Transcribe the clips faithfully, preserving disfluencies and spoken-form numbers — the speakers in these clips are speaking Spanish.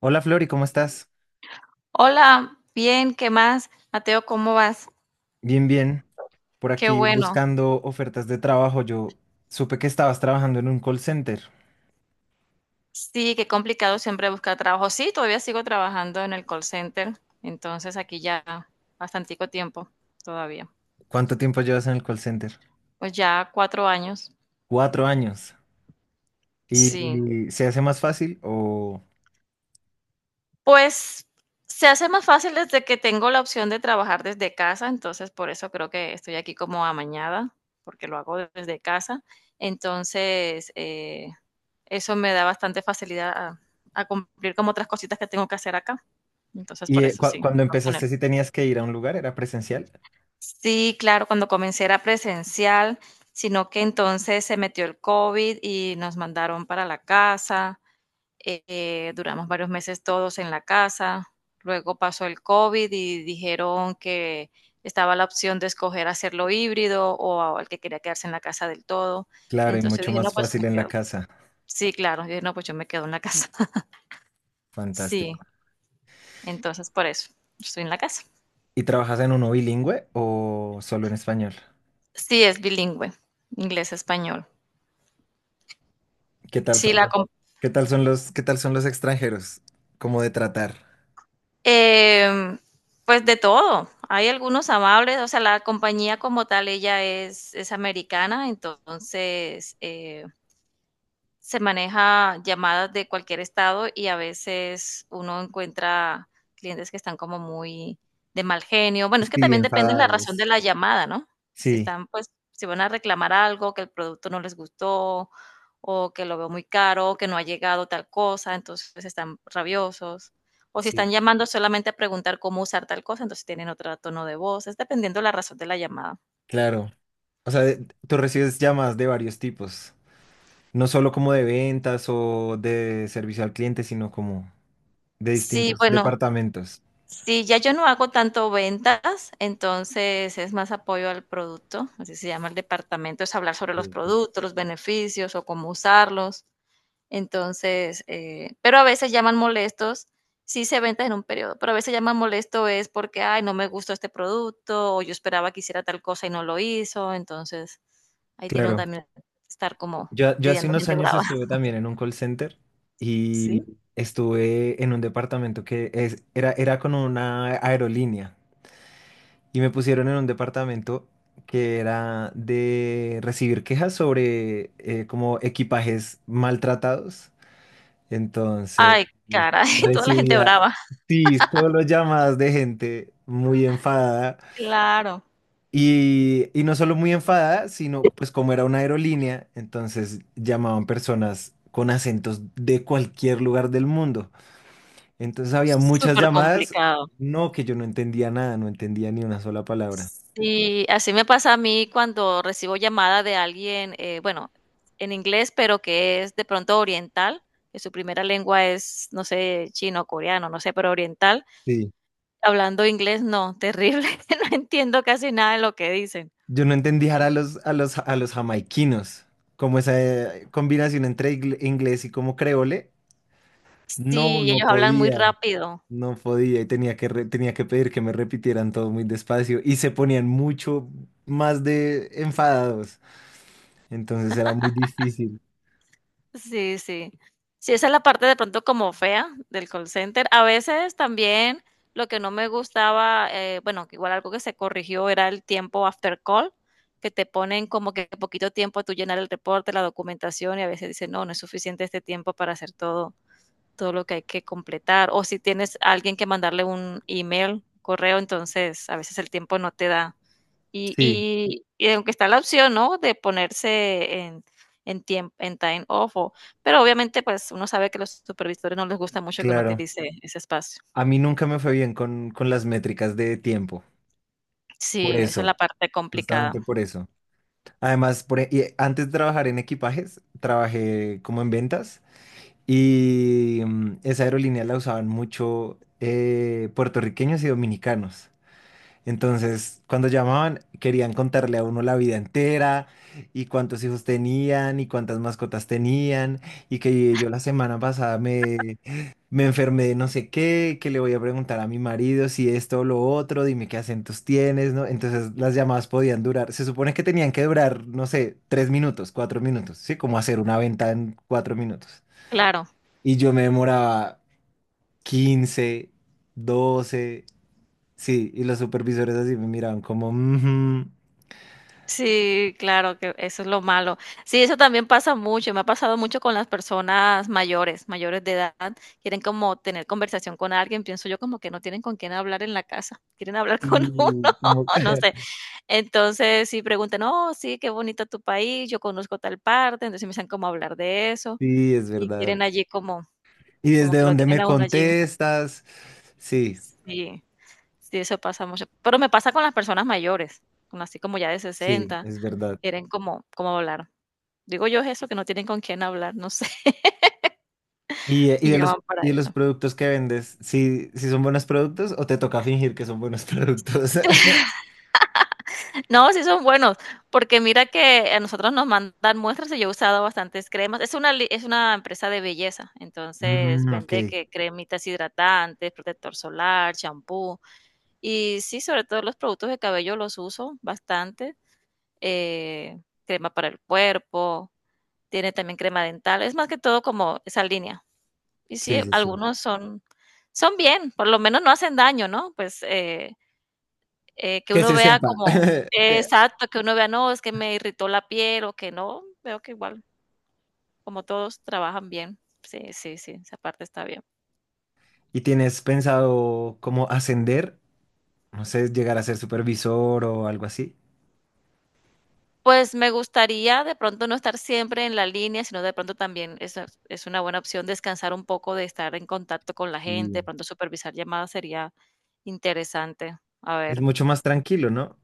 Hola Flori, ¿cómo estás? Hola, bien, ¿qué más? Mateo, ¿cómo vas? Bien, bien. Por Qué aquí bueno. buscando ofertas de trabajo. Yo supe que estabas trabajando en un call center. Sí, qué complicado siempre buscar trabajo. Sí, todavía sigo trabajando en el call center, entonces aquí ya bastantico tiempo todavía. ¿Cuánto tiempo llevas en el call center? Pues ya cuatro años. Cuatro años. Sí. ¿Y se hace más fácil o... Pues se hace más fácil desde que tengo la opción de trabajar desde casa, entonces por eso creo que estoy aquí como amañada, porque lo hago desde casa. Entonces, eh, eso me da bastante facilidad a a cumplir como otras cositas que tengo que hacer acá. Entonces, ¿Y por eh, eso cu- sí, cuando fue con empezaste él. si tenías que ir a un lugar? ¿Era presencial? Sí, claro, cuando comencé era presencial, sino que entonces se metió el COVID y nos mandaron para la casa. Eh, duramos varios meses todos en la casa. Luego pasó el COVID y dijeron que estaba la opción de escoger hacerlo híbrido o al que quería quedarse en la casa del todo. Claro, y Entonces yo mucho dije, no, más pues me fácil en la quedo. casa. Sí, claro. Yo dije, no, pues yo me quedo en la casa. Sí, Fantástico. entonces por eso estoy en la casa. ¿Y trabajas en uno bilingüe o solo en español? Sí, es bilingüe, inglés-español. ¿Qué tal Sí, son la los, com qué tal son los, ¿Qué tal son los extranjeros? ¿Cómo de tratar? em, pues de todo. Hay algunos amables, o sea, la compañía como tal, ella es es americana, entonces, eh se maneja llamadas de cualquier estado y a veces uno encuentra clientes que están como muy de mal genio. Bueno, es que Sí, también depende de la razón de enfadados. la llamada, ¿no? Si Sí, están, pues, si van a reclamar algo, que el producto no les gustó, o que lo veo muy caro, o que no ha llegado tal cosa, entonces pues, están rabiosos. O si sí. están llamando solamente a preguntar cómo usar tal cosa, entonces tienen otro tono de voz. Es dependiendo la razón de la llamada. Claro, o sea, de- tú recibes llamadas de varios tipos, no solo como de ventas o de servicio al cliente, sino como de Sí, distintos bueno, departamentos. sí, ya yo no hago tanto ventas, entonces es más apoyo al producto, así se llama el departamento, es hablar sobre los Sí, sí. productos, los beneficios o cómo usarlos. Entonces, eh, pero a veces llaman molestos, sí se ventas en un periodo, pero a veces llaman molesto es porque, ay, no me gustó este producto o yo esperaba que hiciera tal cosa y no lo hizo, entonces ahí tiene uno Claro, también que estar como yo, yo hace lidiando unos gente años brava. estuve también en un call center ¿Sí? y estuve en un departamento que es- era, era con una aerolínea y me pusieron en un departamento que era de recibir quejas sobre eh, como equipajes maltratados. Entonces, Ay, pues, caray, toda la gente recibía, brava. sí, solo llamadas de gente muy enfadada. Claro, Y, y no solo muy enfadada, sino pues como era una aerolínea, entonces llamaban personas con acentos de cualquier lugar del mundo. Entonces había muchas súper llamadas, complicado. no que yo no entendía nada, no entendía ni una sola palabra. Sí, así me pasa a mí cuando recibo llamada de alguien, eh, bueno, en inglés, pero que es de pronto oriental, que su primera lengua es, no sé, chino, coreano, no sé, pero oriental. Sí, Hablando inglés, no, terrible, no entiendo casi nada de lo que dicen. yo no entendía a los, a los, a los jamaiquinos, como esa eh, combinación entre ingle- inglés y como creole, no, Sí, no ellos hablan muy podía. rápido. No podía y tenía que, re- tenía que pedir que me repitieran todo muy despacio y se ponían mucho más de enfadados. Entonces era muy difícil. Sí, sí. Sí, esa es la parte de pronto como fea del call center. A veces también lo que no me gustaba, eh, bueno, que igual algo que se corrigió era el tiempo after call, que te ponen como que poquito tiempo a tú llenar el reporte, la documentación y a veces dicen, no, no es suficiente este tiempo para hacer todo, todo lo que hay que completar. O si tienes a alguien que mandarle un email, correo, entonces a veces el tiempo no te da. Y Sí, y y aunque está la opción, ¿no?, de ponerse en en tiemp en time off o pero obviamente, pues, uno sabe que los supervisores no les gusta mucho que uno claro. utilice ese espacio. A mí nunca me fue bien con, con las métricas de tiempo. Por Sí, esa es eso, la parte complicada. justamente por eso. Además, por, e- y antes de trabajar en equipajes, trabajé como en ventas y mm, esa aerolínea la usaban mucho eh, puertorriqueños y dominicanos. Entonces, cuando llamaban, querían contarle a uno la vida entera y cuántos hijos tenían y cuántas mascotas tenían y que yo la semana pasada me, me enfermé de no sé qué, que le voy a preguntar a mi marido si esto o lo otro, dime qué acentos tienes, ¿no? Entonces las llamadas podían durar, se supone que tenían que durar, no sé, tres minutos, cuatro minutos, ¿sí? Como hacer una venta en cuatro minutos. Claro. Y yo me demoraba quince, doce. Sí, y los supervisores así me miraban como, "Ujú". Sí, claro que eso es lo malo. Sí, eso también pasa mucho, me ha pasado mucho con las personas mayores, mayores de edad, quieren como tener conversación con alguien, pienso yo como que no tienen con quién hablar en la casa, quieren hablar con Y uno, como, no sé. Entonces, sí preguntan: "No, sí, qué bonito tu país, yo conozco tal parte", entonces empiezan como a hablar de eso, Sí, es y verdad. quieren allí como Y como desde que lo donde tienen me a uno allí. contestas, sí, Sí, sí, eso pasa mucho. Pero me pasa con las personas mayores, como así como ya de sí, sesenta, es verdad. quieren como como hablar. Digo yo es eso, que no tienen con quién hablar, no sé, Y, eh, y y de los, llaman para y de los eso. productos que vendes, ¿sí, sí son buenos productos o te toca fingir que son buenos productos? No, sí son buenos, porque mira que a nosotros nos mandan muestras y yo he usado bastantes cremas. Es una, li- es una empresa de belleza, entonces Mm, ok, vende que cremitas hidratantes, protector solar, champú. Y sí, sobre todo los productos de cabello los uso bastante. Eh, crema para el cuerpo, tiene también crema dental. Es más que todo como esa línea. Y sí, sí, sí, sí. algunos son, son bien, por lo menos no hacen daño, ¿no? Pues eh, eh, que Que uno se vea sepa. como Que- exacto, que uno vea, no, es que me irritó la piel o que no, veo que igual, como todos trabajan bien. Sí, sí, sí, esa parte está bien. ¿Y tienes pensado cómo ascender? No sé, llegar a ser supervisor o algo así. Pues me gustaría de pronto no estar siempre en la línea, sino de pronto también eso es es una buena opción descansar un poco de estar en contacto con la gente, de Sí. pronto supervisar llamadas sería interesante. A Es ver, mucho más tranquilo, ¿no?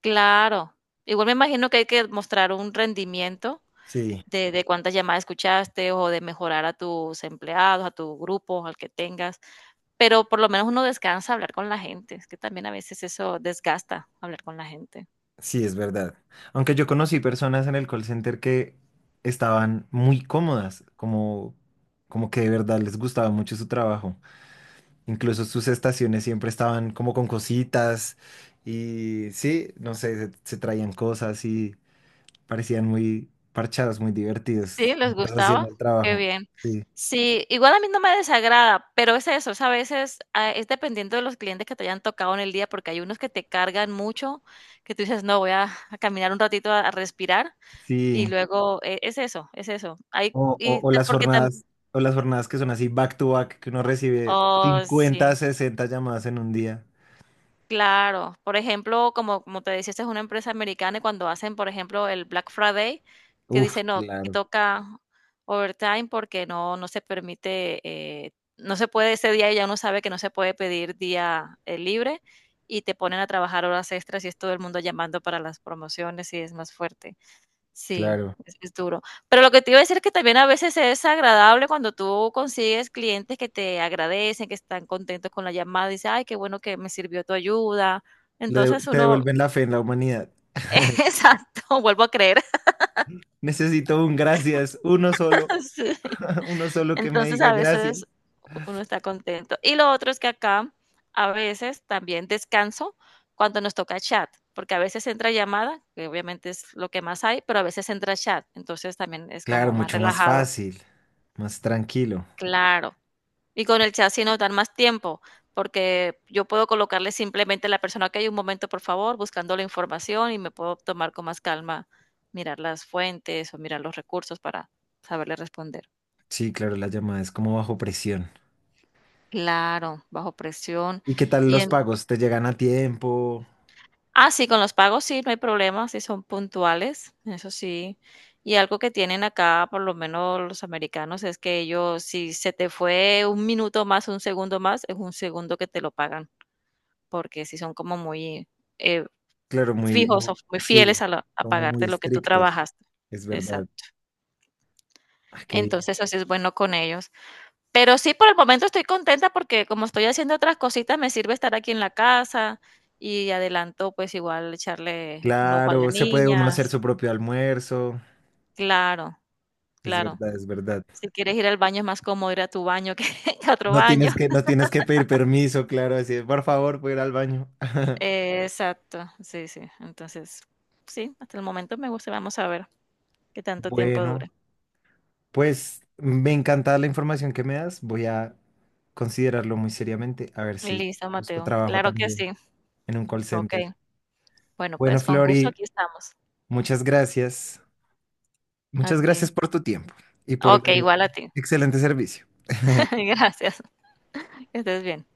claro. Igual me imagino que hay que mostrar un rendimiento Sí. de, de cuántas llamadas escuchaste o de mejorar a tus empleados, a tu grupo, al que tengas, pero por lo menos uno descansa hablar con la gente, es que también a veces eso desgasta hablar con la gente. Sí, es verdad. Aunque yo conocí personas en el call center que estaban muy cómodas, como, como que de verdad les gustaba mucho su trabajo. Incluso sus estaciones siempre estaban como con cositas y sí, no sé, se, se traían cosas y parecían muy parchados, muy divertidos Sí, les mientras hacían gustaba, el qué trabajo. bien. Sí, Sí, igual a mí no me desagrada, pero es eso, es a veces ah, es dependiendo de los clientes que te hayan tocado en el día, porque hay unos que te cargan mucho, que tú dices, no, voy a, a caminar un ratito a, a respirar, y sí. luego e- es eso, es eso. Hay, O, o- y, o ta- las Porque también, jornadas, o las jornadas que son así back to back, que uno recibe oh, cincuenta, sí. sesenta llamadas en un día. Claro, por ejemplo, como, como te decía, esta es una empresa americana y cuando hacen, por ejemplo, el Black Friday, que Uf, dice no, que claro. toca overtime porque no, no se permite, eh, no se puede ese día y ya uno sabe que no se puede pedir día eh, libre y te ponen a trabajar horas extras y es todo el mundo llamando para las promociones y es más fuerte. Sí, Claro. es, es duro. Pero lo que te iba a decir es que también a veces es agradable cuando tú consigues clientes que te agradecen, que están contentos con la llamada, dice, ay, qué bueno que me sirvió tu ayuda. Le de- Entonces te uno, devuelven la fe en la humanidad. exacto, vuelvo a creer. Necesito un gracias, uno solo, Sí. uno solo que me Entonces diga a gracias. veces uno está contento. Y lo otro es que acá a veces también descanso cuando nos toca chat, porque a veces entra llamada, que obviamente es lo que más hay, pero a veces entra chat. Entonces también es Claro, como más mucho más relajado. fácil, más tranquilo. Claro. Y con el chat sí nos dan más tiempo, porque yo puedo colocarle simplemente a la persona que hay un momento, por favor, buscando la información y me puedo tomar con más calma, mirar las fuentes o mirar los recursos para saberle responder. Sí, claro, la llamada es como bajo presión. Claro, bajo presión. ¿Y qué tal Y los en pagos? ¿Te llegan a tiempo? ah, sí, con los pagos sí, no hay problema, sí son puntuales, eso sí. Y algo que tienen acá, por lo menos los americanos, es que ellos, si se te fue un minuto más, un segundo más, es un segundo que te lo pagan. Porque si son como muy eh, Claro, muy, fijos mu- o muy fieles sí, a, la- a como muy pagarte lo que tú estrictos. trabajaste. Es verdad. Exacto. Ah, qué bien. Entonces, así es bueno con ellos. Pero sí, por el momento estoy contenta porque como estoy haciendo otras cositas, me sirve estar aquí en la casa y adelanto, pues igual echarle un ojo a la Claro, se puede uno niña. hacer Sí. su propio almuerzo. Claro, Es claro. verdad, es verdad. Si quieres ir al baño es más cómodo ir a tu baño que a otro No baño. tienes que, no tienes que pedir permiso, claro, así, de, por favor, puedo ir al baño. Exacto, sí, sí. Entonces, sí, hasta el momento me gusta. Vamos a ver qué tanto tiempo Bueno, dura. pues me encanta la información que me das. Voy a considerarlo muy seriamente, a ver si Listo, busco Mateo. trabajo Claro que también sí. en un call center. Okey. Bueno, Bueno, pues, con gusto Flori, aquí estamos. muchas gracias. A Muchas ti. gracias por tu tiempo y por Okey, eh, igual a ti. excelente servicio. Gracias. Que estés bien.